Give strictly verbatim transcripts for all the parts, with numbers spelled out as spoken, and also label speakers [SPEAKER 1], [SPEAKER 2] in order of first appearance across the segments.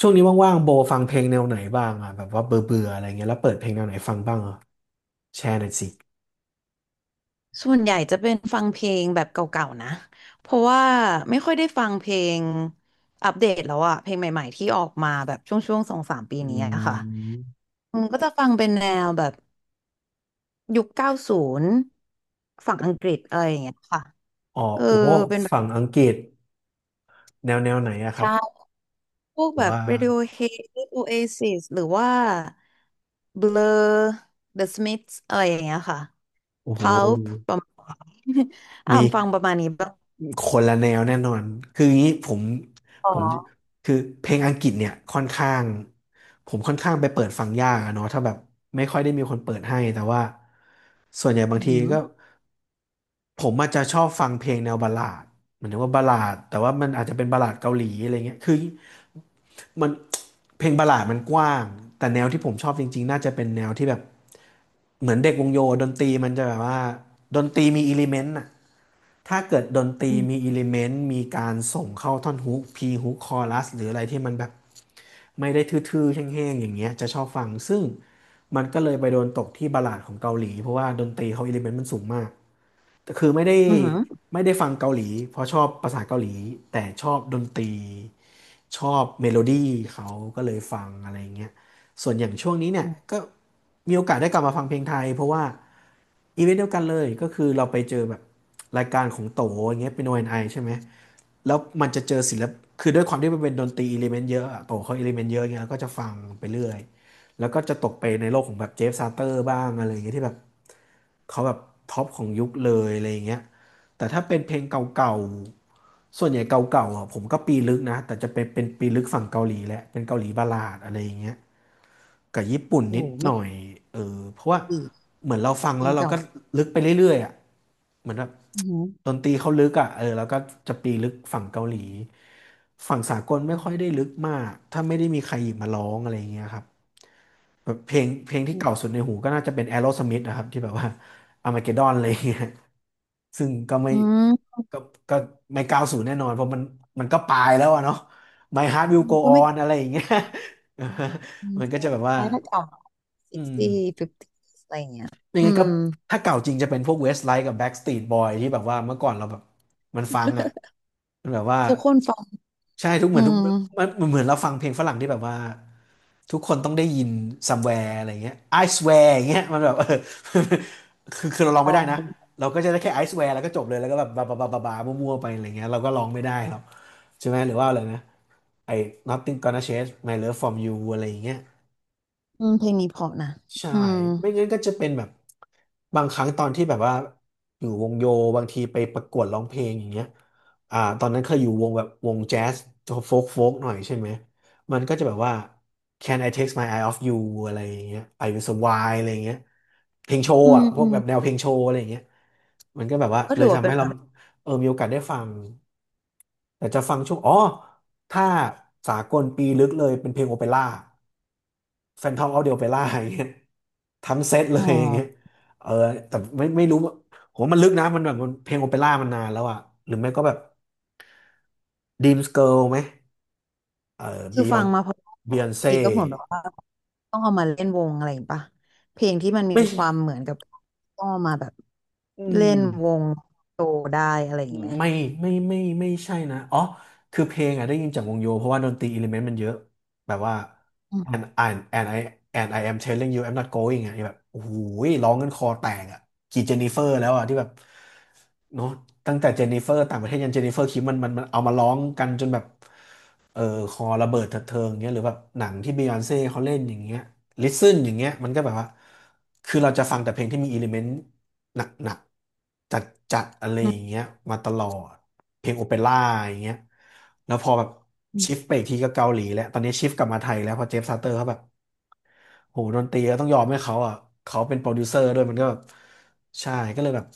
[SPEAKER 1] ช่วงนี้ว่างๆโบฟังเพลงแนวไหนบ้างอ่ะแบบว่าเบื่อเบื่ออะไรเงี้ยแล้วเปิดเพลงแนวไหนฟังบ้างอ่ะแชร์หน่อยสิ
[SPEAKER 2] ส่วนใหญ่จะเป็นฟังเพลงแบบเก่าๆนะ เพราะว่าไม่ค่อยได้ฟังเพลงอัปเดตแล้วอะเพลงใหม่ๆที่ออกมาแบบช่วงๆสองสามปี
[SPEAKER 1] อื
[SPEAKER 2] นี้อะค่ะ
[SPEAKER 1] ม
[SPEAKER 2] อืมก็จะฟังเป็นแนวแบบยุคเก้าศูนย์ฝั่งอังกฤษอะไรอย่างเงี้ยค่ะ
[SPEAKER 1] อ๋อ
[SPEAKER 2] เออ
[SPEAKER 1] โอ้
[SPEAKER 2] เป็นแบบ
[SPEAKER 1] ฝั่งอังกฤษแนวแนวไหนอะครับ
[SPEAKER 2] ใช่พวก
[SPEAKER 1] แบ
[SPEAKER 2] แบ
[SPEAKER 1] บ
[SPEAKER 2] บ
[SPEAKER 1] ว่า
[SPEAKER 2] Radiohead Oasis หรือว่า Blur The Smiths อะไรอย่างเงี้ยค่ะ
[SPEAKER 1] โอ้โห
[SPEAKER 2] Pulp ประมาณ อ่า
[SPEAKER 1] มี
[SPEAKER 2] มฟังประมาณนี้บ้าง
[SPEAKER 1] คนละแนวแน่นอนคืออย่างนี้ผม
[SPEAKER 2] อ๋อ
[SPEAKER 1] ผมคือเพลงอังกฤษเนี่ยค่อนข้างผมค่อนข้างไปเปิดฟังยากอะเนาะถ้าแบบไม่ค่อยได้มีคนเปิดให้แต่ว่าส่วนใหญ่บา
[SPEAKER 2] อื
[SPEAKER 1] ง
[SPEAKER 2] อ
[SPEAKER 1] ที
[SPEAKER 2] หือ
[SPEAKER 1] ก็ ผมอาจจะชอบฟังเพลงแนวบัลลาดหมายถึงว่าบัลลาดแต่ว่ามันอาจจะเป็นบัลลาดเกาหลีอะไรเงี้ยคือมันเพลงบัลลาดมันกว้างแต่แนวที่ผมชอบจริงๆน่าจะเป็นแนวที่แบบเหมือนเด็กวงโยดนตรีมันจะแบบว่าดนตรีมีอิเลเมนต์อะถ้าเกิดดนตรี
[SPEAKER 2] อื
[SPEAKER 1] มี
[SPEAKER 2] ม
[SPEAKER 1] อิเลเมนต์มีการส่งเข้าท่อนฮุกพีฮุกคอรัสหรืออะไรที่มันแบบไม่ได้ทื่อๆแห้งๆอย่างเงี้ยจะชอบฟังซึ่งมันก็เลยไปโดนตกที่บัลลาดของเกาหลีเพราะว่าดนตรีเขาอิเลเมนต์มันสูงมาก แต่คือไม่ได้
[SPEAKER 2] อือหื
[SPEAKER 1] ไม่ได้ฟังเกาหลีเพราะชอบภาษาเกาหลีแต่ชอบดนตรีชอบเมโลดี้เขาก็เลยฟังอะไรเงี้ยส่วนอย่างช่วงนี้เนี่ย
[SPEAKER 2] อ
[SPEAKER 1] ก็มีโอกาสได้กลับมาฟังเพลงไทยเพราะว่าอีเวนต์เดียวกันเลยก็คือเราไปเจอแบบรายการของโตอย่างเงี้ยเป็น โอ แอนด์ ไอ ใช่ไหมแล้วมันจะเจอศิลปคือด้วยความที่มันเป็นดนตรีอิเลเมนต์เยอะอะโตเขาอิเลเมนต์เยอะเงี้ยแล้วก็จะฟังไปเรื่อยแล้วก็จะตกไปในโลกของแบบเจฟซาเตอร์บ้างอะไรเงี้ยที่แบบ เขาแบบท็อปของยุคเลยอะไรอย่างเงี้ยแต่ถ้าเป็นเพลงเก่าๆส่วนใหญ่เก่าๆอ่ะผมก็ปีลึกนะแต่จะเป็นเป็นปีลึกฝั่งเกาหลีแหละเป็นเกาหลีบัลลาดอะไรอย่างเงี้ยกับญี่ปุ่น
[SPEAKER 2] โอ้
[SPEAKER 1] นิด
[SPEAKER 2] โห
[SPEAKER 1] ห
[SPEAKER 2] ไม่
[SPEAKER 1] น่อยเออเพราะว่า
[SPEAKER 2] ดี
[SPEAKER 1] เหมือนเราฟัง
[SPEAKER 2] จริ
[SPEAKER 1] แล้
[SPEAKER 2] ง
[SPEAKER 1] วเรา
[SPEAKER 2] เก่า
[SPEAKER 1] ก็ลึกไปเรื่อยๆอ่ะเหมือนแบบ
[SPEAKER 2] อือหือ
[SPEAKER 1] ดนตรีเขาลึกอ่ะเออแล้วก็จะปีลึกฝั่งเกาหลีฝั่งสากลไม่ค่อยได้ลึกมากถ้าไม่ได้มีใครหยิบมาร้องอะไรอย่างเงี้ยครับแบบเพลงเพลงที่เก่าสุดในหูก็น่าจะเป็น Aerosmith นะครับที่แบบว่า Armageddon อะไรอย่างเงี้ยซึ่งก็ไม่
[SPEAKER 2] อืม
[SPEAKER 1] ก็ก็ไม่ก้าวสู่แน่นอนเพราะมันมันก็ปลายแล้วอะเนาะ My Heart Will Go
[SPEAKER 2] ก็ไม่
[SPEAKER 1] On อะไรอย่างเงี้ย
[SPEAKER 2] อืม
[SPEAKER 1] มันก็
[SPEAKER 2] ใช่
[SPEAKER 1] จะแบบว่า
[SPEAKER 2] ถ้าเก่า
[SPEAKER 1] อืม
[SPEAKER 2] sixty fifty อะไรอย่างเงี้ย
[SPEAKER 1] ยัง
[SPEAKER 2] อื
[SPEAKER 1] ไงก็
[SPEAKER 2] ม
[SPEAKER 1] ถ้าเก่าจริงจะเป็นพวกเวสไลท์กับแบ็กสตรีทบอยที่แบบว่าเมื่อก่อนเราแบบมันฟังอ่ะมันแบบว่า
[SPEAKER 2] ทุกคนฟัง
[SPEAKER 1] ใช่ทุกเห
[SPEAKER 2] อื
[SPEAKER 1] มือนทุก
[SPEAKER 2] ม
[SPEAKER 1] มันมันเหมือนเราฟังเพลงฝรั่งที่แบบว่าทุกคนต้องได้ยิน somewhere อะไรเงี้ย I swear อย่างเงี้ยมันแบบเออ คือคือเราลอง
[SPEAKER 2] ฟั
[SPEAKER 1] ไม่ได้
[SPEAKER 2] ง
[SPEAKER 1] นะเราก็จะได้แค่ I swear แล้วก็จบเลยแล้วก็แบบบาบาบาบาบามั่วๆไปอะไรเงี้ยเราก็ร้องไม่ได้หรอกใช่ไหมหรือว่าอะไรนะไอ้ Nothing gonna change my love from you อะไรอย่างเงี้ย
[SPEAKER 2] อืมเพลงนี้เพราะนะ
[SPEAKER 1] ใช่
[SPEAKER 2] อืม
[SPEAKER 1] ไม่งั้นก็จะเป็นแบบ บางครั้งตอนที่แบบว่าอยู่วงโยบางทีไปประกวดร้องเพลงอย่างเงี้ยอ่าตอนนั้นเคยอยู่วงแบบวงแจ๊สโฟกโฟกหน่อยใช่ไหม มันก็จะแบบว่า Can I take my eye off you อะไรอย่างเงี้ย I will survive อะไรอย่างเงี้ยเพลงโช
[SPEAKER 2] อื
[SPEAKER 1] ว์
[SPEAKER 2] ม
[SPEAKER 1] อ่ะพ
[SPEAKER 2] อื
[SPEAKER 1] วก
[SPEAKER 2] ม
[SPEAKER 1] แบบแนวเพลงโชว์อะไรอย่างเงี้ยมันก็แบบว่า
[SPEAKER 2] ก็
[SPEAKER 1] เล
[SPEAKER 2] ถื
[SPEAKER 1] ย
[SPEAKER 2] อว่า
[SPEAKER 1] ทำ
[SPEAKER 2] เป็น
[SPEAKER 1] ให้
[SPEAKER 2] แบ
[SPEAKER 1] เรา
[SPEAKER 2] บ
[SPEAKER 1] เออมีโอกาสได้ฟังแต่จะฟังช่วงอ๋อถ้าสากลปีลึกเลยเป็นเพลงโอเปร่า Phantom of the Opera อย่างเงี้ย ทั้งเซตเล
[SPEAKER 2] อ๋อ
[SPEAKER 1] ย อย่างเงี้ยเออแต่ไม่ไม่รู้ว่าโมมันลึกนะมันแบบมันเพลงโอเปร่ามันนานแล้วอะหรือไม่ก็แบบ Dreams Girl ไหมเออ
[SPEAKER 2] คือฟัง
[SPEAKER 1] Beyond
[SPEAKER 2] มาเพราะว่า
[SPEAKER 1] Beyonce
[SPEAKER 2] ทีก็เหมือนแบบว่าต้องเอามาเล่นวงอะไรอย่างงี้ป่ะเพลงที่มันมี
[SPEAKER 1] ไม่
[SPEAKER 2] ค
[SPEAKER 1] ใช่
[SPEAKER 2] วามเหมือนกับต้องเอามาแบบ
[SPEAKER 1] อื
[SPEAKER 2] เล่
[SPEAKER 1] ม
[SPEAKER 2] นวงโตได้อะไรอย่างงี้ไหม
[SPEAKER 1] ไม่ไม่ไม่ไม่ใช่นะอ๋อคือเพลงอ่ะได้ยินจากวงโยเพราะว่าดนตรีอิเลเมนต์มันเยอะแบบว่า
[SPEAKER 2] อืม
[SPEAKER 1] and and and I and I am telling you I'm not going อ่ะแบบโอ้โหร้องกันคอแตกอ่ะกี่เจนนิเฟอร์แล้วอ่ะที่แบบเนาะตั้งแต่เจนนิเฟอร์ต่างประเทศยันเจนนิเฟอร์คิมมันมันมันเอามาร้องกันจนแบบเออคอระเบิดเถิดเทิงเงี้ยหรือแบบหนังที่บียอนเซ่เขาเล่นอย่างเงี้ย listen อย่างเงี้ยมันก็แบบว่าคือเราจะฟังแต่เพลงที่มีอิเลเมนต์ หนักๆจัดๆอะไร
[SPEAKER 2] อื
[SPEAKER 1] อ
[SPEAKER 2] ม
[SPEAKER 1] ย่างเงี้ยมาตลอดเพลงโอเปร่าอย่างเงี้ยแล้วพอแบบ
[SPEAKER 2] อื
[SPEAKER 1] ชิฟ
[SPEAKER 2] ม
[SPEAKER 1] ไปอีกทีก็เกาหลีแล้วตอนนี้ชิฟกลับมาไทยแล้วเพอเจฟซาเตอร์เขาแบบโหดนตรีก็ต้องยอมให้เขาอ่ะเขาเป็นโปรดิวเซอร์ด้วยมันก็แบบใช่ก็เลยแบบ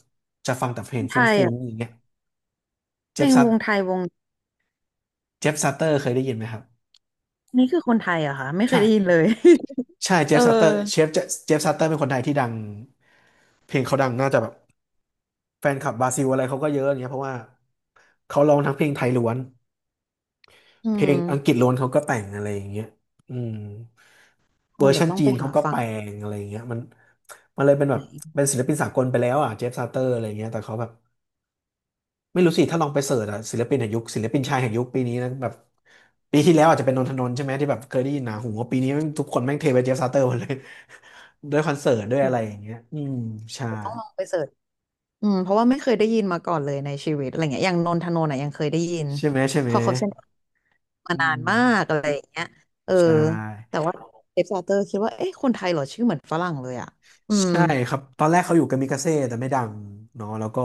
[SPEAKER 1] จะฟังแต่เพลง
[SPEAKER 2] ไท
[SPEAKER 1] ฟ
[SPEAKER 2] ย
[SPEAKER 1] ุ้ง
[SPEAKER 2] อ่ะ
[SPEAKER 1] ๆอย่างเงี้ยเจ
[SPEAKER 2] เพล
[SPEAKER 1] ฟ
[SPEAKER 2] ง
[SPEAKER 1] ซา
[SPEAKER 2] วงไทยวง
[SPEAKER 1] เจฟซาเตอร์เคยได้ยินไหมครับ
[SPEAKER 2] อันนี่คือคนไทยเหรอะค่ะไม่เคย
[SPEAKER 1] ใช่
[SPEAKER 2] ได้ยินเลย
[SPEAKER 1] ใช่ เจ
[SPEAKER 2] เออ
[SPEAKER 1] ฟซัตเตอร์เชฟเจฟซัตเตอร์เป็นคนไทยที่ดังเพลงเขาดังน่าจะแบบแฟนคลับบราซิลอะไรเขาก็เยอะอย่างเงี้ยเพราะว่าเขาร้องทั้งเพลงไทยล้วน
[SPEAKER 2] อื
[SPEAKER 1] เพลงอังกฤ
[SPEAKER 2] ม
[SPEAKER 1] ษล้วนเขาก็แต่งอะไรอย่างเงี้ยอืม
[SPEAKER 2] อื
[SPEAKER 1] เวอ
[SPEAKER 2] ม
[SPEAKER 1] ร์
[SPEAKER 2] เดี๋
[SPEAKER 1] ชั
[SPEAKER 2] ยว
[SPEAKER 1] น
[SPEAKER 2] ต้อง
[SPEAKER 1] จี
[SPEAKER 2] ไป
[SPEAKER 1] นเขา
[SPEAKER 2] หา
[SPEAKER 1] ก็
[SPEAKER 2] ฟั
[SPEAKER 1] แป
[SPEAKER 2] ง
[SPEAKER 1] ลงอะไรอย่างเงี้ยมันมันเลยเป็นแบ
[SPEAKER 2] ไห
[SPEAKER 1] บ
[SPEAKER 2] น
[SPEAKER 1] เป็นศิลปินสากลไปแล้วอ่ะเจฟซาเตอร์อะไรอย่างเงี้ยแต่เขาแบบไม่รู้สิถ้าลองไปเสิร์ชอ่ะศิลปินแห่งยุคศิลปินชายแห่งยุคปีนี้นะแบบปีที่แล้วอาจจะเป็นนนทนนท์ใช่ไหมที่แบบเคยได้ยินหนาหูว่าปีนี้แม่งทุกคนแม่งเทไปเจฟซาเตอร์หมดเลย ด้วยคอนเสิร์ตด้วย
[SPEAKER 2] อื
[SPEAKER 1] อะไรอ
[SPEAKER 2] ม
[SPEAKER 1] ย่างเงี้ยอืมใช่
[SPEAKER 2] เดี๋ยวต้องลองไปเสิร์ชอืมเพราะว่าไม่เคยได้ยินมาก่อนเลยในชีวิตอะไรเงี้ยอย่างนนทนนท์อ่ะยังเคยได้ยิน
[SPEAKER 1] ใช่ไหมใช่
[SPEAKER 2] พ
[SPEAKER 1] ไหม
[SPEAKER 2] อเขาเซ็นมา
[SPEAKER 1] อื
[SPEAKER 2] นาน
[SPEAKER 1] ม
[SPEAKER 2] มากอะไรอย่างเงี้ยเออ
[SPEAKER 1] ใช่
[SPEAKER 2] แต่ว่าเอฟซาเตอร์คิดว่าเอ๊ะคนไทยเหรอชื่อเหมือนฝรั่งเลยอะอืม
[SPEAKER 1] ใช่ครับตอนแรกเขาอยู่กามิกาเซ่แต่ไม่ดังเนาะแล้วก็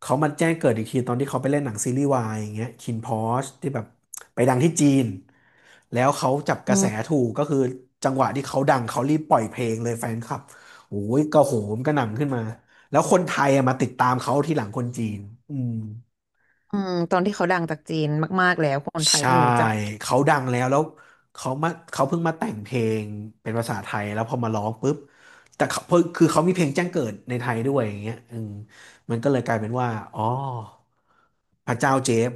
[SPEAKER 1] เขามาแจ้งเกิดอีกทีตอนที่เขาไปเล่นหนังซีรีส์วายอย่างเงี้ยคินพอชที่แบบไปดังที่จีนแล้วเขาจับก
[SPEAKER 2] อื
[SPEAKER 1] ระแส
[SPEAKER 2] ม
[SPEAKER 1] ถูกก็คือจังหวะที่เขาดังเขารีบปล่อยเพลงเลยแฟนคลับโอ้ยกระโหมกระหน่ำขึ้นมาแล้วคนไทยอะมาติดตามเขาทีหลังคนจีนอืม
[SPEAKER 2] อืมตอนที่เขาดังจากจีนมากๆแล้วคนไทย
[SPEAKER 1] ใช่
[SPEAKER 2] เพิ่งรู้จัก
[SPEAKER 1] เขาดังแล้วแล้วเขามาเขาเพิ่งมาแต่งเพลงเป็นภาษาไทยแล้วพอมาร้องปุ๊บแต่เขาเพิ่งคือเขามีเพลงแจ้งเกิดในไทยด้วยอย่างเงี้ยอืมมันก็เลยกลายเป็นว่าอ๋อพระเจ้าเจฟ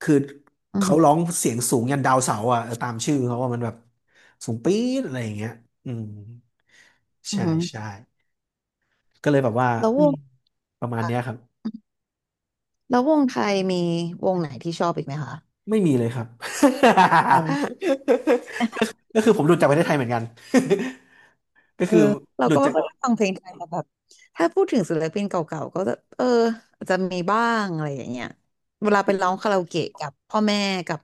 [SPEAKER 1] คือ
[SPEAKER 2] อื
[SPEAKER 1] เขาร้อ
[SPEAKER 2] ม
[SPEAKER 1] งเสียงสูงยันดาวเสาร์อ่ะเออตามชื่อเขาว่ามันแบบสูงปี๊ดอะไรอย่างเงี้ยอืม
[SPEAKER 2] ออือ
[SPEAKER 1] ใช่
[SPEAKER 2] หือ
[SPEAKER 1] ใช่ก็เลยแบบว่า
[SPEAKER 2] แล้ว
[SPEAKER 1] อื
[SPEAKER 2] ว
[SPEAKER 1] ม
[SPEAKER 2] ง
[SPEAKER 1] ประมาณเนี้ยค
[SPEAKER 2] ค่ะ
[SPEAKER 1] รับ
[SPEAKER 2] แล้ววงไทยมีวงไหนที่ชอบอีกไหมคะ
[SPEAKER 1] ไม่มีเลยครับ ก็คือผมหลุดจากประเทศไทยเหมือนกัน ก็
[SPEAKER 2] เออ
[SPEAKER 1] คือ
[SPEAKER 2] เรา
[SPEAKER 1] หลุ
[SPEAKER 2] ก็
[SPEAKER 1] ด
[SPEAKER 2] ไม่
[SPEAKER 1] จาก
[SPEAKER 2] ค่อยได้ฟังเพลงไทยแต่แบบถ้าพูดถึงศิลปินเก่าๆก็จะเอออาจจะมีบ้างอะไรอย่างเงี้ยเวลาไปร้องคาราโอเกะกับพ่อแม่กับ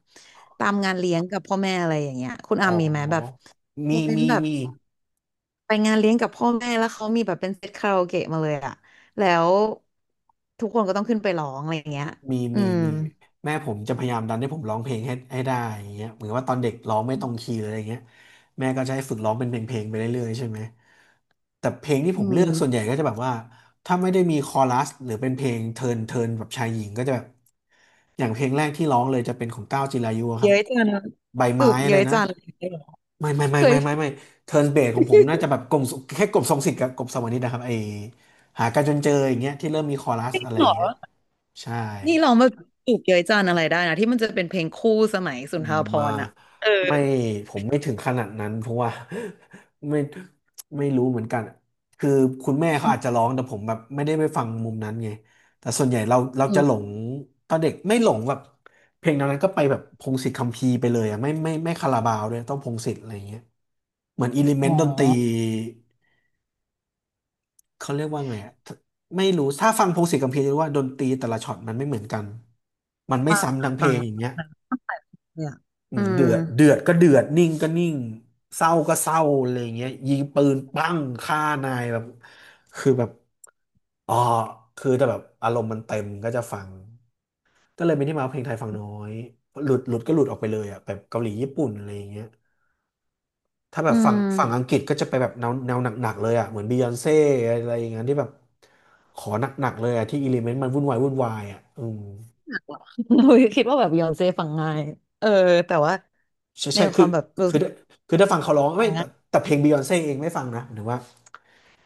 [SPEAKER 2] ตามงานเลี้ยงกับพ่อแม่อะไรอย่างเงี้ยคุณ
[SPEAKER 1] อ๋
[SPEAKER 2] อา
[SPEAKER 1] อ
[SPEAKER 2] มมีไหมแบบโม
[SPEAKER 1] มี
[SPEAKER 2] เมนต์
[SPEAKER 1] มี
[SPEAKER 2] แบบ
[SPEAKER 1] มี
[SPEAKER 2] ไปงานเลี้ยงกับพ่อแม่แล้วเขามีแบบเป็นเซตคาราโอเกะมาเลยอะแล้วทุกคนก็ต้องขึ้นไปร้องอะไรอย่างเงี้ย
[SPEAKER 1] มี
[SPEAKER 2] อื
[SPEAKER 1] มี
[SPEAKER 2] ม
[SPEAKER 1] มีแม่ผมจะพยายามดันให้ผมร้องเพลงให้ให้ได้อย่างเงี้ยเหมือนว่าตอนเด็กร้องไม่ตรงคีย์เลยอะไรเงี้ยแม่ก็จะให้ฝึกร้องเป็นเพลงเพลงไปเรื่อยๆใช่ไหมแต่เพลงที่ผ
[SPEAKER 2] อื
[SPEAKER 1] มเลือกส่วนให
[SPEAKER 2] ม
[SPEAKER 1] ญ่ก็จะแบบว่าถ้าไม่ได้มีคอรัสหรือเป็นเพลงเทินเทินแบบชายหญิงก็จะแบบอย่างเพลงแรกที่ร้องเลยจะเป็นของก้าวจิรายุอะครั
[SPEAKER 2] เย้
[SPEAKER 1] บ
[SPEAKER 2] ยจัง
[SPEAKER 1] ใบ
[SPEAKER 2] จู
[SPEAKER 1] ไม้
[SPEAKER 2] บ
[SPEAKER 1] อะ
[SPEAKER 2] เย้
[SPEAKER 1] ไร
[SPEAKER 2] ย
[SPEAKER 1] นะ
[SPEAKER 2] จัง
[SPEAKER 1] ไม่ไม่ไม่
[SPEAKER 2] เค
[SPEAKER 1] ไม่ไม่ไม่
[SPEAKER 2] ย
[SPEAKER 1] เทิร์นเบสของผมน่าจะแบบกลมแค่กลมทรงสิทธิ์กับกลมสวรรค์นิชนะครับไอหากันจนเจออย่างเงี้ยที่เริ่มมีคอรัสอะไร
[SPEAKER 2] หร
[SPEAKER 1] อย่า
[SPEAKER 2] อ
[SPEAKER 1] งเงี้ยใช่
[SPEAKER 2] นี่รองมาจีบเย้ยจันอะไรได้นะที่มันจะเป็นเพลงคู่สมัยสุ
[SPEAKER 1] อื
[SPEAKER 2] นท
[SPEAKER 1] ม
[SPEAKER 2] รภ
[SPEAKER 1] มา
[SPEAKER 2] รณ์อ่ะเออ
[SPEAKER 1] ไม่ผมไม่ถึงขนาดนั้นเพราะว่า ไม่ไม่รู้เหมือนกันคือคุณแม่เขาอาจจะร้องแต่ผมแบบไม่ได้ไปฟังมุมนั้นไงแต่ส่วนใหญ่เราเรา
[SPEAKER 2] อื
[SPEAKER 1] จะหล
[SPEAKER 2] ม
[SPEAKER 1] งตอนเด็กไม่หลงแบบเพลงแนวนั้นก็ไปแบบพงษ์สิทธิ์คัมภีร์ไปเลยอ่ะไม่ไม่ไม่คาราบาวด้วยต้องพงษ์สิทธิ์อะไรอย่างเงี้ยเหมือนอิเลเม
[SPEAKER 2] อ๋อ
[SPEAKER 1] นต์ดนตรีเขาเรียกว่าไงอะไม่รู้ถ้าฟังพงษ์สิทธิ์คัมภีร์จะรู้ว่าดนตรีแต่ละช็อตมันไม่เหมือนกันมันไม่
[SPEAKER 2] ฟัง
[SPEAKER 1] ซ้ำ
[SPEAKER 2] อะ
[SPEAKER 1] ทั้งเพ
[SPEAKER 2] ฟั
[SPEAKER 1] ล
[SPEAKER 2] ง
[SPEAKER 1] งอย่างเงี้ย
[SPEAKER 2] อะเนี่ยอ่ะ
[SPEAKER 1] อื
[SPEAKER 2] อื
[SPEAKER 1] มเดื
[SPEAKER 2] ม
[SPEAKER 1] อดเดือดก็เดือด นิ่งก็นิ่งเศร้าก็เศร้าอะไรอย่างเงี้ยยิงปืนปั้งฆ่านายแบบคือแบบอ๋อคือแต่แบบอารมณ์มันเต็มก็จะฟัง ก็เลยเป็นที่มาว่าเพลงไทยฟังน้อย หลุดหลุดก็หลุดออกไปเลยอ่ะแบบเกาหลีญี่ปุ่นอะไรอย่างเงี้ยถ้าแบ
[SPEAKER 2] อื
[SPEAKER 1] บฝั่ง
[SPEAKER 2] ม
[SPEAKER 1] ฝั่งอังกฤษก็จะไปแบบแนวแนวหนักๆเลยอ่ะเหมือนบียอนเซ่อะไรอย่างเงี้ยที่แบบขอหนักๆเลยอ่ะที่อิเลเมนต์มันวุ่นวายวุ่นวายอ่ะอืม
[SPEAKER 2] อุ๊ยคิดว่าแบบยอนเซ่ฟังง่ายเออแต่ว่า
[SPEAKER 1] ใช่
[SPEAKER 2] ใน
[SPEAKER 1] ใช่
[SPEAKER 2] ค
[SPEAKER 1] คือ
[SPEAKER 2] วามแบบรู้
[SPEAKER 1] คือ
[SPEAKER 2] สึก
[SPEAKER 1] คือถ้าฟังเขาร้อง
[SPEAKER 2] ฟั
[SPEAKER 1] ไม่
[SPEAKER 2] ง
[SPEAKER 1] แต่
[SPEAKER 2] ง่าย
[SPEAKER 1] แต่เพลงบิยอนเซ่เองไม่ฟังนะหรือว่า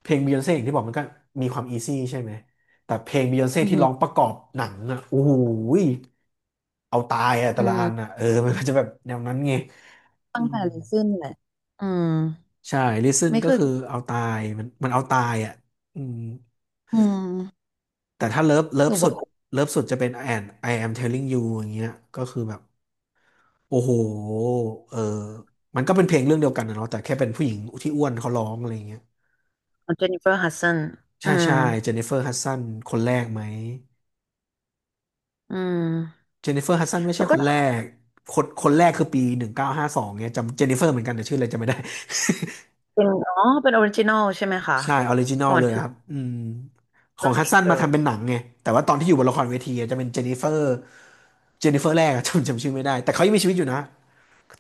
[SPEAKER 1] เพลงบิยอนเซ่อย่างที่บอกมันก็มีความอีซี่ใช่ไหมแต่เพลงบิยอนเซ่
[SPEAKER 2] อื
[SPEAKER 1] ที่ร้องป
[SPEAKER 2] ม
[SPEAKER 1] ระกอบหนังอ่ะโอ้โหยเอาตายอ่ะแต่
[SPEAKER 2] อื
[SPEAKER 1] ละอันอ่ะ
[SPEAKER 2] ม
[SPEAKER 1] เออ มันก็จะแบบแนวนั้นไงอื
[SPEAKER 2] ตั้ง
[SPEAKER 1] ม
[SPEAKER 2] แต่ลิซึนแหละอืม
[SPEAKER 1] ใช่ listen
[SPEAKER 2] ไม่
[SPEAKER 1] ก็
[SPEAKER 2] เคย
[SPEAKER 1] คือเอาตายมันมันเอาตายอ่ะอืม
[SPEAKER 2] อืม
[SPEAKER 1] แต่ถ้าเลิฟเลิ
[SPEAKER 2] ห
[SPEAKER 1] ฟ
[SPEAKER 2] รือ
[SPEAKER 1] สุ
[SPEAKER 2] ว่า
[SPEAKER 1] ดเลิฟสุดจะเป็น and I am telling you อย่างเงี้ยก็คือแบบ โอ้โหเออมันก็เป็นเพลงเรื่องเดียวกันนะเนาะแต่แค่เป็นผู้หญิงที่อ้วนเขาร้องอะไรเงี้ย
[SPEAKER 2] เจนนิเฟอร์ฮัดสันอื
[SPEAKER 1] ใช่
[SPEAKER 2] ม
[SPEAKER 1] ใช่เจนนิเฟอร์ฮัดสันคนแรกไหม
[SPEAKER 2] อืม
[SPEAKER 1] เจนนิเฟอร์ฮัดสันไม่
[SPEAKER 2] แล้
[SPEAKER 1] ใช่
[SPEAKER 2] ว
[SPEAKER 1] ค
[SPEAKER 2] ก็
[SPEAKER 1] นแรก คนคนแรกคือปีหนึ่งเก้าห้าสองเนี่ยจำเจนนิเฟอร์เหมือนกันแต่ชื่ออะไรจำไม่ได้
[SPEAKER 2] เป็นอ๋อเป็นออริจินอลใช่ไหมคะ
[SPEAKER 1] ใช่ออริจินอล
[SPEAKER 2] ก่อน
[SPEAKER 1] เลย
[SPEAKER 2] ที่
[SPEAKER 1] ครับอืมขอ
[SPEAKER 2] เรื่
[SPEAKER 1] ง
[SPEAKER 2] อง
[SPEAKER 1] ฮัด
[SPEAKER 2] Mean
[SPEAKER 1] สันมาทำเป็
[SPEAKER 2] Girls
[SPEAKER 1] นหนังไงแต่ว่าตอนที่อยู่บนละครเวทีอะจะเป็นเจนนิเฟอร์เจนนิเฟอร์แรกอะ จำจำชื่อไม่ได้ แต่เขายังมีชีวิตอยู่นะ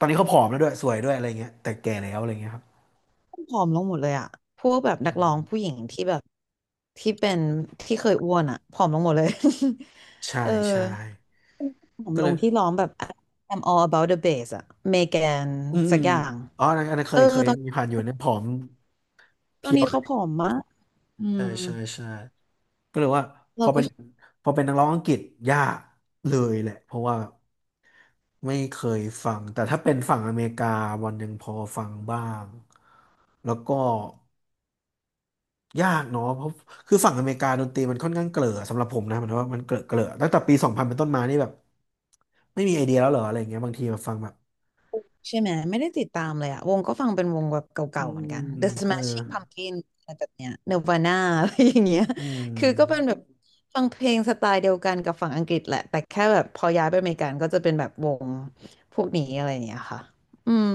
[SPEAKER 1] ตอนนี้เขาผอมแล้วด้วยสวยด้วยอะไรเงี้ยแต่แก่แล้วอะไรเงี้ยครับ
[SPEAKER 2] ผอมลงหมดเลยอะพวกแบบนักร้องผู้หญิงที่แบบที่เป็นที่เคยอ้วนอะผอมลงหมดเลย
[SPEAKER 1] ใช่
[SPEAKER 2] เออ
[SPEAKER 1] ใช่
[SPEAKER 2] ผอม
[SPEAKER 1] ก็
[SPEAKER 2] ล
[SPEAKER 1] เล
[SPEAKER 2] ง
[SPEAKER 1] ย
[SPEAKER 2] ที่ร้องแบบ I'm all about the bass อะเมแกน
[SPEAKER 1] อืมอื
[SPEAKER 2] สัก
[SPEAKER 1] ม
[SPEAKER 2] อย่าง
[SPEAKER 1] อ๋ออันนั้นอันนั้นเค
[SPEAKER 2] เออ
[SPEAKER 1] ยเคย
[SPEAKER 2] ตอน
[SPEAKER 1] มีผ่านอยู่เนี่ยผอมเพ
[SPEAKER 2] ตอ
[SPEAKER 1] รี
[SPEAKER 2] น
[SPEAKER 1] ยว
[SPEAKER 2] นี้
[SPEAKER 1] เล
[SPEAKER 2] เขา
[SPEAKER 1] ย
[SPEAKER 2] ผอมมากอื
[SPEAKER 1] ใช่
[SPEAKER 2] ม
[SPEAKER 1] ใช่ใช่ก็เลยว่าพ
[SPEAKER 2] เรา
[SPEAKER 1] อ
[SPEAKER 2] ก็
[SPEAKER 1] เป็นพอเป็นนักร้องอังกฤษยากเลยแหละเพราะว่าไม่เคยฟังแต่ถ้าเป็นฝั่งอเมริกาวันหนึ่งพอฟังบ้างแล้วก็ยากเนาะเพราะคือฝั่งอเมริกาดนตรีมันค่อนข้างเกลอสำหรับผมนะมันว่ามันเกลอเกลอตั้งแต่ปีสองพันเป็นต้นมานี่แบบไม่มีไอเดียแล้วเหรออะไรอย่างเงี้ยบางทีมาฟังแบบ
[SPEAKER 2] ใช่ไหมไม่ได้ติดตามเลยอะวงก็ฟังเป็นวงแบบเก
[SPEAKER 1] อื
[SPEAKER 2] ่าๆเหมือน
[SPEAKER 1] ม
[SPEAKER 2] กัน The
[SPEAKER 1] ก็เลย
[SPEAKER 2] Smashing Pumpkins อะไรแบบเนี้ย Nirvana อะไรอย่างเงี้ย
[SPEAKER 1] อื
[SPEAKER 2] คือก็เป็น
[SPEAKER 1] ม
[SPEAKER 2] แบบฟังเพลงสไตล์เดียวกันกับฝั่งอังกฤษแหละแต่แค่แบบพอย้ายไปอเมริกันก็จะเป็นแบบวงพวกนี้อะไรอย่างเงี้ยค่ะอืม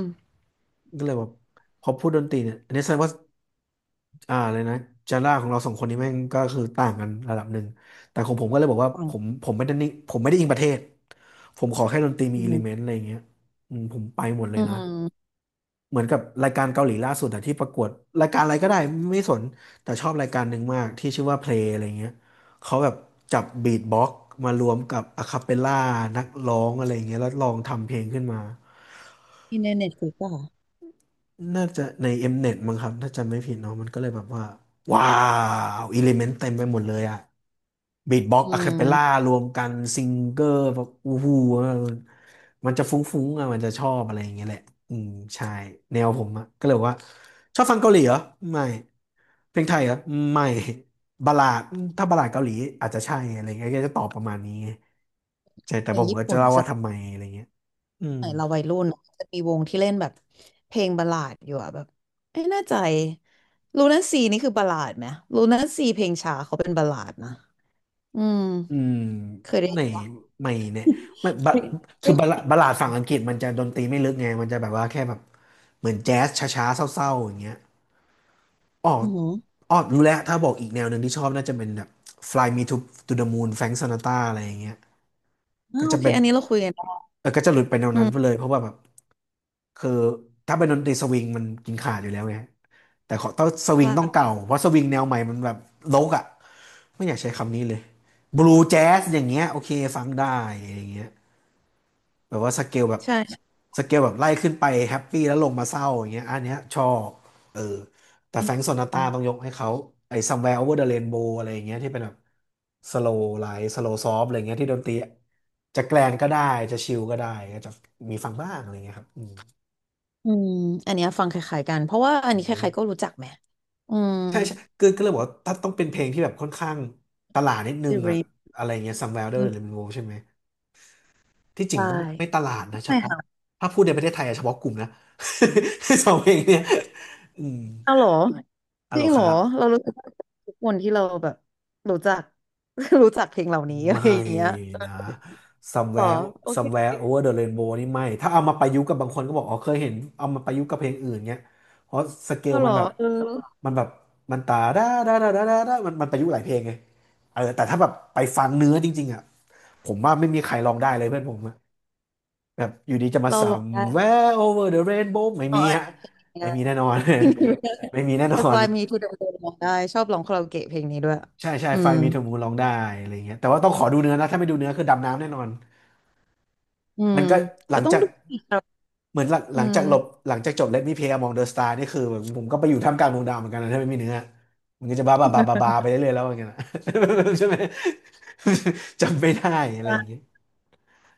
[SPEAKER 1] ก็เลยแบบพอพูดดนตรีเนี่ยอันนี้แสดงว่าอ่าเลยนะจาร่าของเราสองคนนี้แม่งก็คือต่างกันระดับหนึ่งแต่ของผมก็เลยบอกว่า
[SPEAKER 2] ฟัง
[SPEAKER 1] ผมผมไม่ได้นิ่งผมไม่ได้อิงประเทศผมขอแค่ดนตรีมี
[SPEAKER 2] อื
[SPEAKER 1] อิเลเมน
[SPEAKER 2] ม
[SPEAKER 1] ต์อะไรอย่างเงี้ยอืมผมไปหมดเล
[SPEAKER 2] อื
[SPEAKER 1] ยนะ
[SPEAKER 2] ม
[SPEAKER 1] เหมือนกับรายการเกาหลีล่าสุดอะที่ประกวดรายการอะไรก็ได้ไม่สนแต่ชอบรายการหนึ่งมากที่ชื่อว่าเพลงอะไรเงี้ยเขาแบบจับบีทบ็อกซ์มารวมกับอะคาเปลล่านักร้องอะไรเงี้ยแล้วลองทำเพลงขึ้นมา
[SPEAKER 2] ที่ในเน็ตฟลิกซ์อะค่ะ
[SPEAKER 1] น่าจะใน Mnet มเน็ตมั้งครับถ้าจำไม่ผิดเนาะมันก็เลยแบบว่าว้าวอิเลเมนต์เต็มไปหมดเลยอะบีทบ็อก
[SPEAKER 2] อื
[SPEAKER 1] ซ์อะคาเปล่า
[SPEAKER 2] ม
[SPEAKER 1] รวมกันซิงเกอร์แบบอู้หูมันจะฟุ้งๆอะมันจะชอบอะไรอย่างเงี้ยแหละอืมใช่แนวผมอะก็เลยบอกว่าชอบฟังเกาหลีเหรอไม่เพลงไทยเหรอไม่บัลลาดถ้าบัลลาดเกาหลีอาจจะใช่อะไรเงี้ยก็จะตอบประมาณนี้ไงใช่แต่
[SPEAKER 2] เพล
[SPEAKER 1] ผ
[SPEAKER 2] ง
[SPEAKER 1] ม
[SPEAKER 2] ญี่
[SPEAKER 1] ก็จะ
[SPEAKER 2] ปุ่น
[SPEAKER 1] เล่าว่าทำไมอะไรเงี้ยอืม
[SPEAKER 2] ไหนเราวัยรุ่นจะมีวงที่เล่นแบบเพลงบัลลาดอยู่อะแบบไม่แน่ใจลูน่าซีนี่คือบัลลาดไหมลูน่าซีเพลงช้าเขาเป็นบัลลาดนะอืม
[SPEAKER 1] อืม
[SPEAKER 2] เคยได้ยิ
[SPEAKER 1] ไม่
[SPEAKER 2] นปะ
[SPEAKER 1] ไม่เนี่ยไม่บะ
[SPEAKER 2] ไม่
[SPEAKER 1] คื
[SPEAKER 2] ไม่
[SPEAKER 1] อบะละบะหลาดฝั่งอังกฤษมันจะดนตรีไม่ลึกไงมันจะแบบว่าแค่แบบเหมือนแจ๊สช้าๆเศร้าๆอย่างเงี้ยอ๋อ
[SPEAKER 2] อือหือ
[SPEAKER 1] อ๋อรู้แล้วถ้าบอกอีกแนวหนึ่งที่ชอบน่าจะเป็นแบบ Fly Me to to the Moon Frank Sinatra อะไรอย่างเงี้ย
[SPEAKER 2] อ่า
[SPEAKER 1] ก็
[SPEAKER 2] โอ
[SPEAKER 1] จะ
[SPEAKER 2] เค
[SPEAKER 1] เป็น
[SPEAKER 2] อันนี้เราคุยกันได้
[SPEAKER 1] เออก็จะหลุดไปแนว
[SPEAKER 2] อื
[SPEAKER 1] นั้นไปเล
[SPEAKER 2] ม
[SPEAKER 1] ยเพราะว่าแบบคือถ้าเป็นดนตรีสวิงมันกินขาดอยู่แล้วไงแต่ขอต้องสวิงต้อง
[SPEAKER 2] ใช่
[SPEAKER 1] เก่าเพราะสวิงแนวใหม่มันแบบโลกอ่ะไม่อยากใช้คำนี้เลยบลูแจ๊สอย่างเงี้ยโอเคฟังได้อะไรอย่างเงี้ย แบบว่าสเกลแบบ
[SPEAKER 2] ใช่ใช่
[SPEAKER 1] สเกลแบบไล่ขึ้นไปแฮปปี้แล้วลงมาเศร้าอย่างเงี้ยอันเนี้ยชอบเออแต่
[SPEAKER 2] อื
[SPEAKER 1] แฟร
[SPEAKER 2] ม
[SPEAKER 1] งก์โซนาตราต้องยกให้เขาไอ้ Somewhere Over the Rainbow อะไรอย่างเงี้ยที่เป็นแบบสโลว์ไลท์สโลว์ซอฟอะไรเงี้ยที่ดนตรีจะแกลนก็ได้จะชิลก็ได้ก็จะมีฟังบ้างอะไรเงี้ยครับอืม
[SPEAKER 2] อืมอันเนี้ยฟังคล้ายๆกันเพราะว่าอันนี้ใครๆก็รู้จักไหมอืม
[SPEAKER 1] ใช่ใช่คือก็เลยบอกว่าถ้าต้องเป็นเพลงที่แบบค่อนข้างตลาดนิดนึง
[SPEAKER 2] The
[SPEAKER 1] อะ
[SPEAKER 2] Rain
[SPEAKER 1] อะไรเงี้ย Somewhere Over
[SPEAKER 2] อื
[SPEAKER 1] the
[SPEAKER 2] ม
[SPEAKER 1] Rainbow ใช่ไหม ที่จ
[SPEAKER 2] ใช
[SPEAKER 1] ริงก็ไม่ต
[SPEAKER 2] ่
[SPEAKER 1] ลาดนะเฉ
[SPEAKER 2] ไม่
[SPEAKER 1] พาะ
[SPEAKER 2] ค่ะ
[SPEAKER 1] ถ้าพูดในประเทศไทยอะเฉพาะกลุ่มนะ สองเพลงเนี่ยอืม
[SPEAKER 2] เอ้าเหรอ
[SPEAKER 1] อะ
[SPEAKER 2] จ
[SPEAKER 1] โหล
[SPEAKER 2] ริง
[SPEAKER 1] ค
[SPEAKER 2] เหร
[SPEAKER 1] รั
[SPEAKER 2] อ
[SPEAKER 1] บ
[SPEAKER 2] เรารู้ ทุกคนที่เราแบบรู้จัก รู้จักเพลงเหล่านี้ อะไร
[SPEAKER 1] ไม่
[SPEAKER 2] อย่างเงี้ย
[SPEAKER 1] นะ
[SPEAKER 2] หรอ
[SPEAKER 1] somewhere
[SPEAKER 2] โอเค
[SPEAKER 1] somewhere over the rainbow นี่ไม่ถ้าเอามาประยุกต์กับบางคนก็บอกอ๋อเคยเห็นเอามาประยุกต์กับเพลงอื่นเงี้ยเพราะสเกล
[SPEAKER 2] เราห
[SPEAKER 1] มั
[SPEAKER 2] ร
[SPEAKER 1] น
[SPEAKER 2] อ
[SPEAKER 1] แบบ
[SPEAKER 2] เออ
[SPEAKER 1] มันแบบมันตาด้าด้าด้าด้าด้ามันมันประยุกต์หลายเพลงไงเออแต่ถ้าแบบไปฟังเนื้อจริงๆอ่ะผมว่าไม่มีใครลองได้เลยเพื่อนผม แบบอยู่ดีจะมา
[SPEAKER 2] เราลองได้
[SPEAKER 1] somewhere over the rainbow ไม่
[SPEAKER 2] ลอ
[SPEAKER 1] มี
[SPEAKER 2] งอัน
[SPEAKER 1] ฮะ
[SPEAKER 2] นเพ
[SPEAKER 1] ไม่
[SPEAKER 2] นะ
[SPEAKER 1] มีแน่นอน ไม่มีแน่น
[SPEAKER 2] แต่
[SPEAKER 1] อน
[SPEAKER 2] Fly Me to the Moon ลองได้ชอบร้องคาราโอเกะเพลงนี้ด้วย
[SPEAKER 1] ใช่ใช่
[SPEAKER 2] อื
[SPEAKER 1] ไฟ
[SPEAKER 2] ม
[SPEAKER 1] มีเทอร์มูลร้องได้อะไรเงี้ยแต่ว่าต้องขอดูเนื้อนะถ้าไม่ดูเนื้อคือดำน้ำแน่นอน
[SPEAKER 2] อื
[SPEAKER 1] มั
[SPEAKER 2] ม
[SPEAKER 1] นก็หลั
[SPEAKER 2] ก็
[SPEAKER 1] ง
[SPEAKER 2] ต้อง
[SPEAKER 1] จาก
[SPEAKER 2] ดูอีกครับ
[SPEAKER 1] เหมือนหลังห
[SPEAKER 2] อื
[SPEAKER 1] ลัง
[SPEAKER 2] ม
[SPEAKER 1] จากหลบหลังจากจบ Let Me Play Among the Stars นี่คือแบบผมก็ไปอยู่ท่ามกลางดวงดาวเหมือนกันนะถ้าไม่มีเนื้อมันก็จะบ้าบ้าบ้าบ้าบ้าไปเรื่อยๆแล้วอย่างเงี้ยนะ ใช่ไหม จำไม่ได้อะไรอย่างเงี้
[SPEAKER 2] อ่ะ
[SPEAKER 1] ย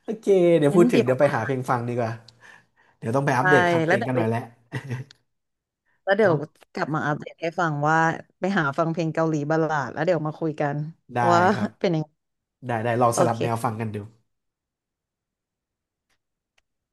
[SPEAKER 1] โอเคเดี๋ยว
[SPEAKER 2] งั้
[SPEAKER 1] พู
[SPEAKER 2] น
[SPEAKER 1] ดถึง
[SPEAKER 2] เดี๋ยว
[SPEAKER 1] เดี๋ยวไปหาเพลงฟังดีกว่าเดี๋ยวต้องไปอั
[SPEAKER 2] ไป
[SPEAKER 1] ปเดตคลังเพ
[SPEAKER 2] แล้
[SPEAKER 1] ล
[SPEAKER 2] ว
[SPEAKER 1] ง
[SPEAKER 2] เดี๋ยว
[SPEAKER 1] กัน
[SPEAKER 2] ไป
[SPEAKER 1] หน่อยแล้ว
[SPEAKER 2] แล้วเดี๋ยว
[SPEAKER 1] เนาะ
[SPEAKER 2] กลับมาอัปเดตให้ฟังว่าไปหาฟังเพลงเกาหลีบัลลาดแล้วเดี๋ยวมาคุยกัน
[SPEAKER 1] ได้
[SPEAKER 2] ว่า
[SPEAKER 1] ครับ
[SPEAKER 2] เป็นยังไง
[SPEAKER 1] ได้ได้ลอง
[SPEAKER 2] โอ
[SPEAKER 1] สลับ
[SPEAKER 2] เค
[SPEAKER 1] แนวฟังกันดู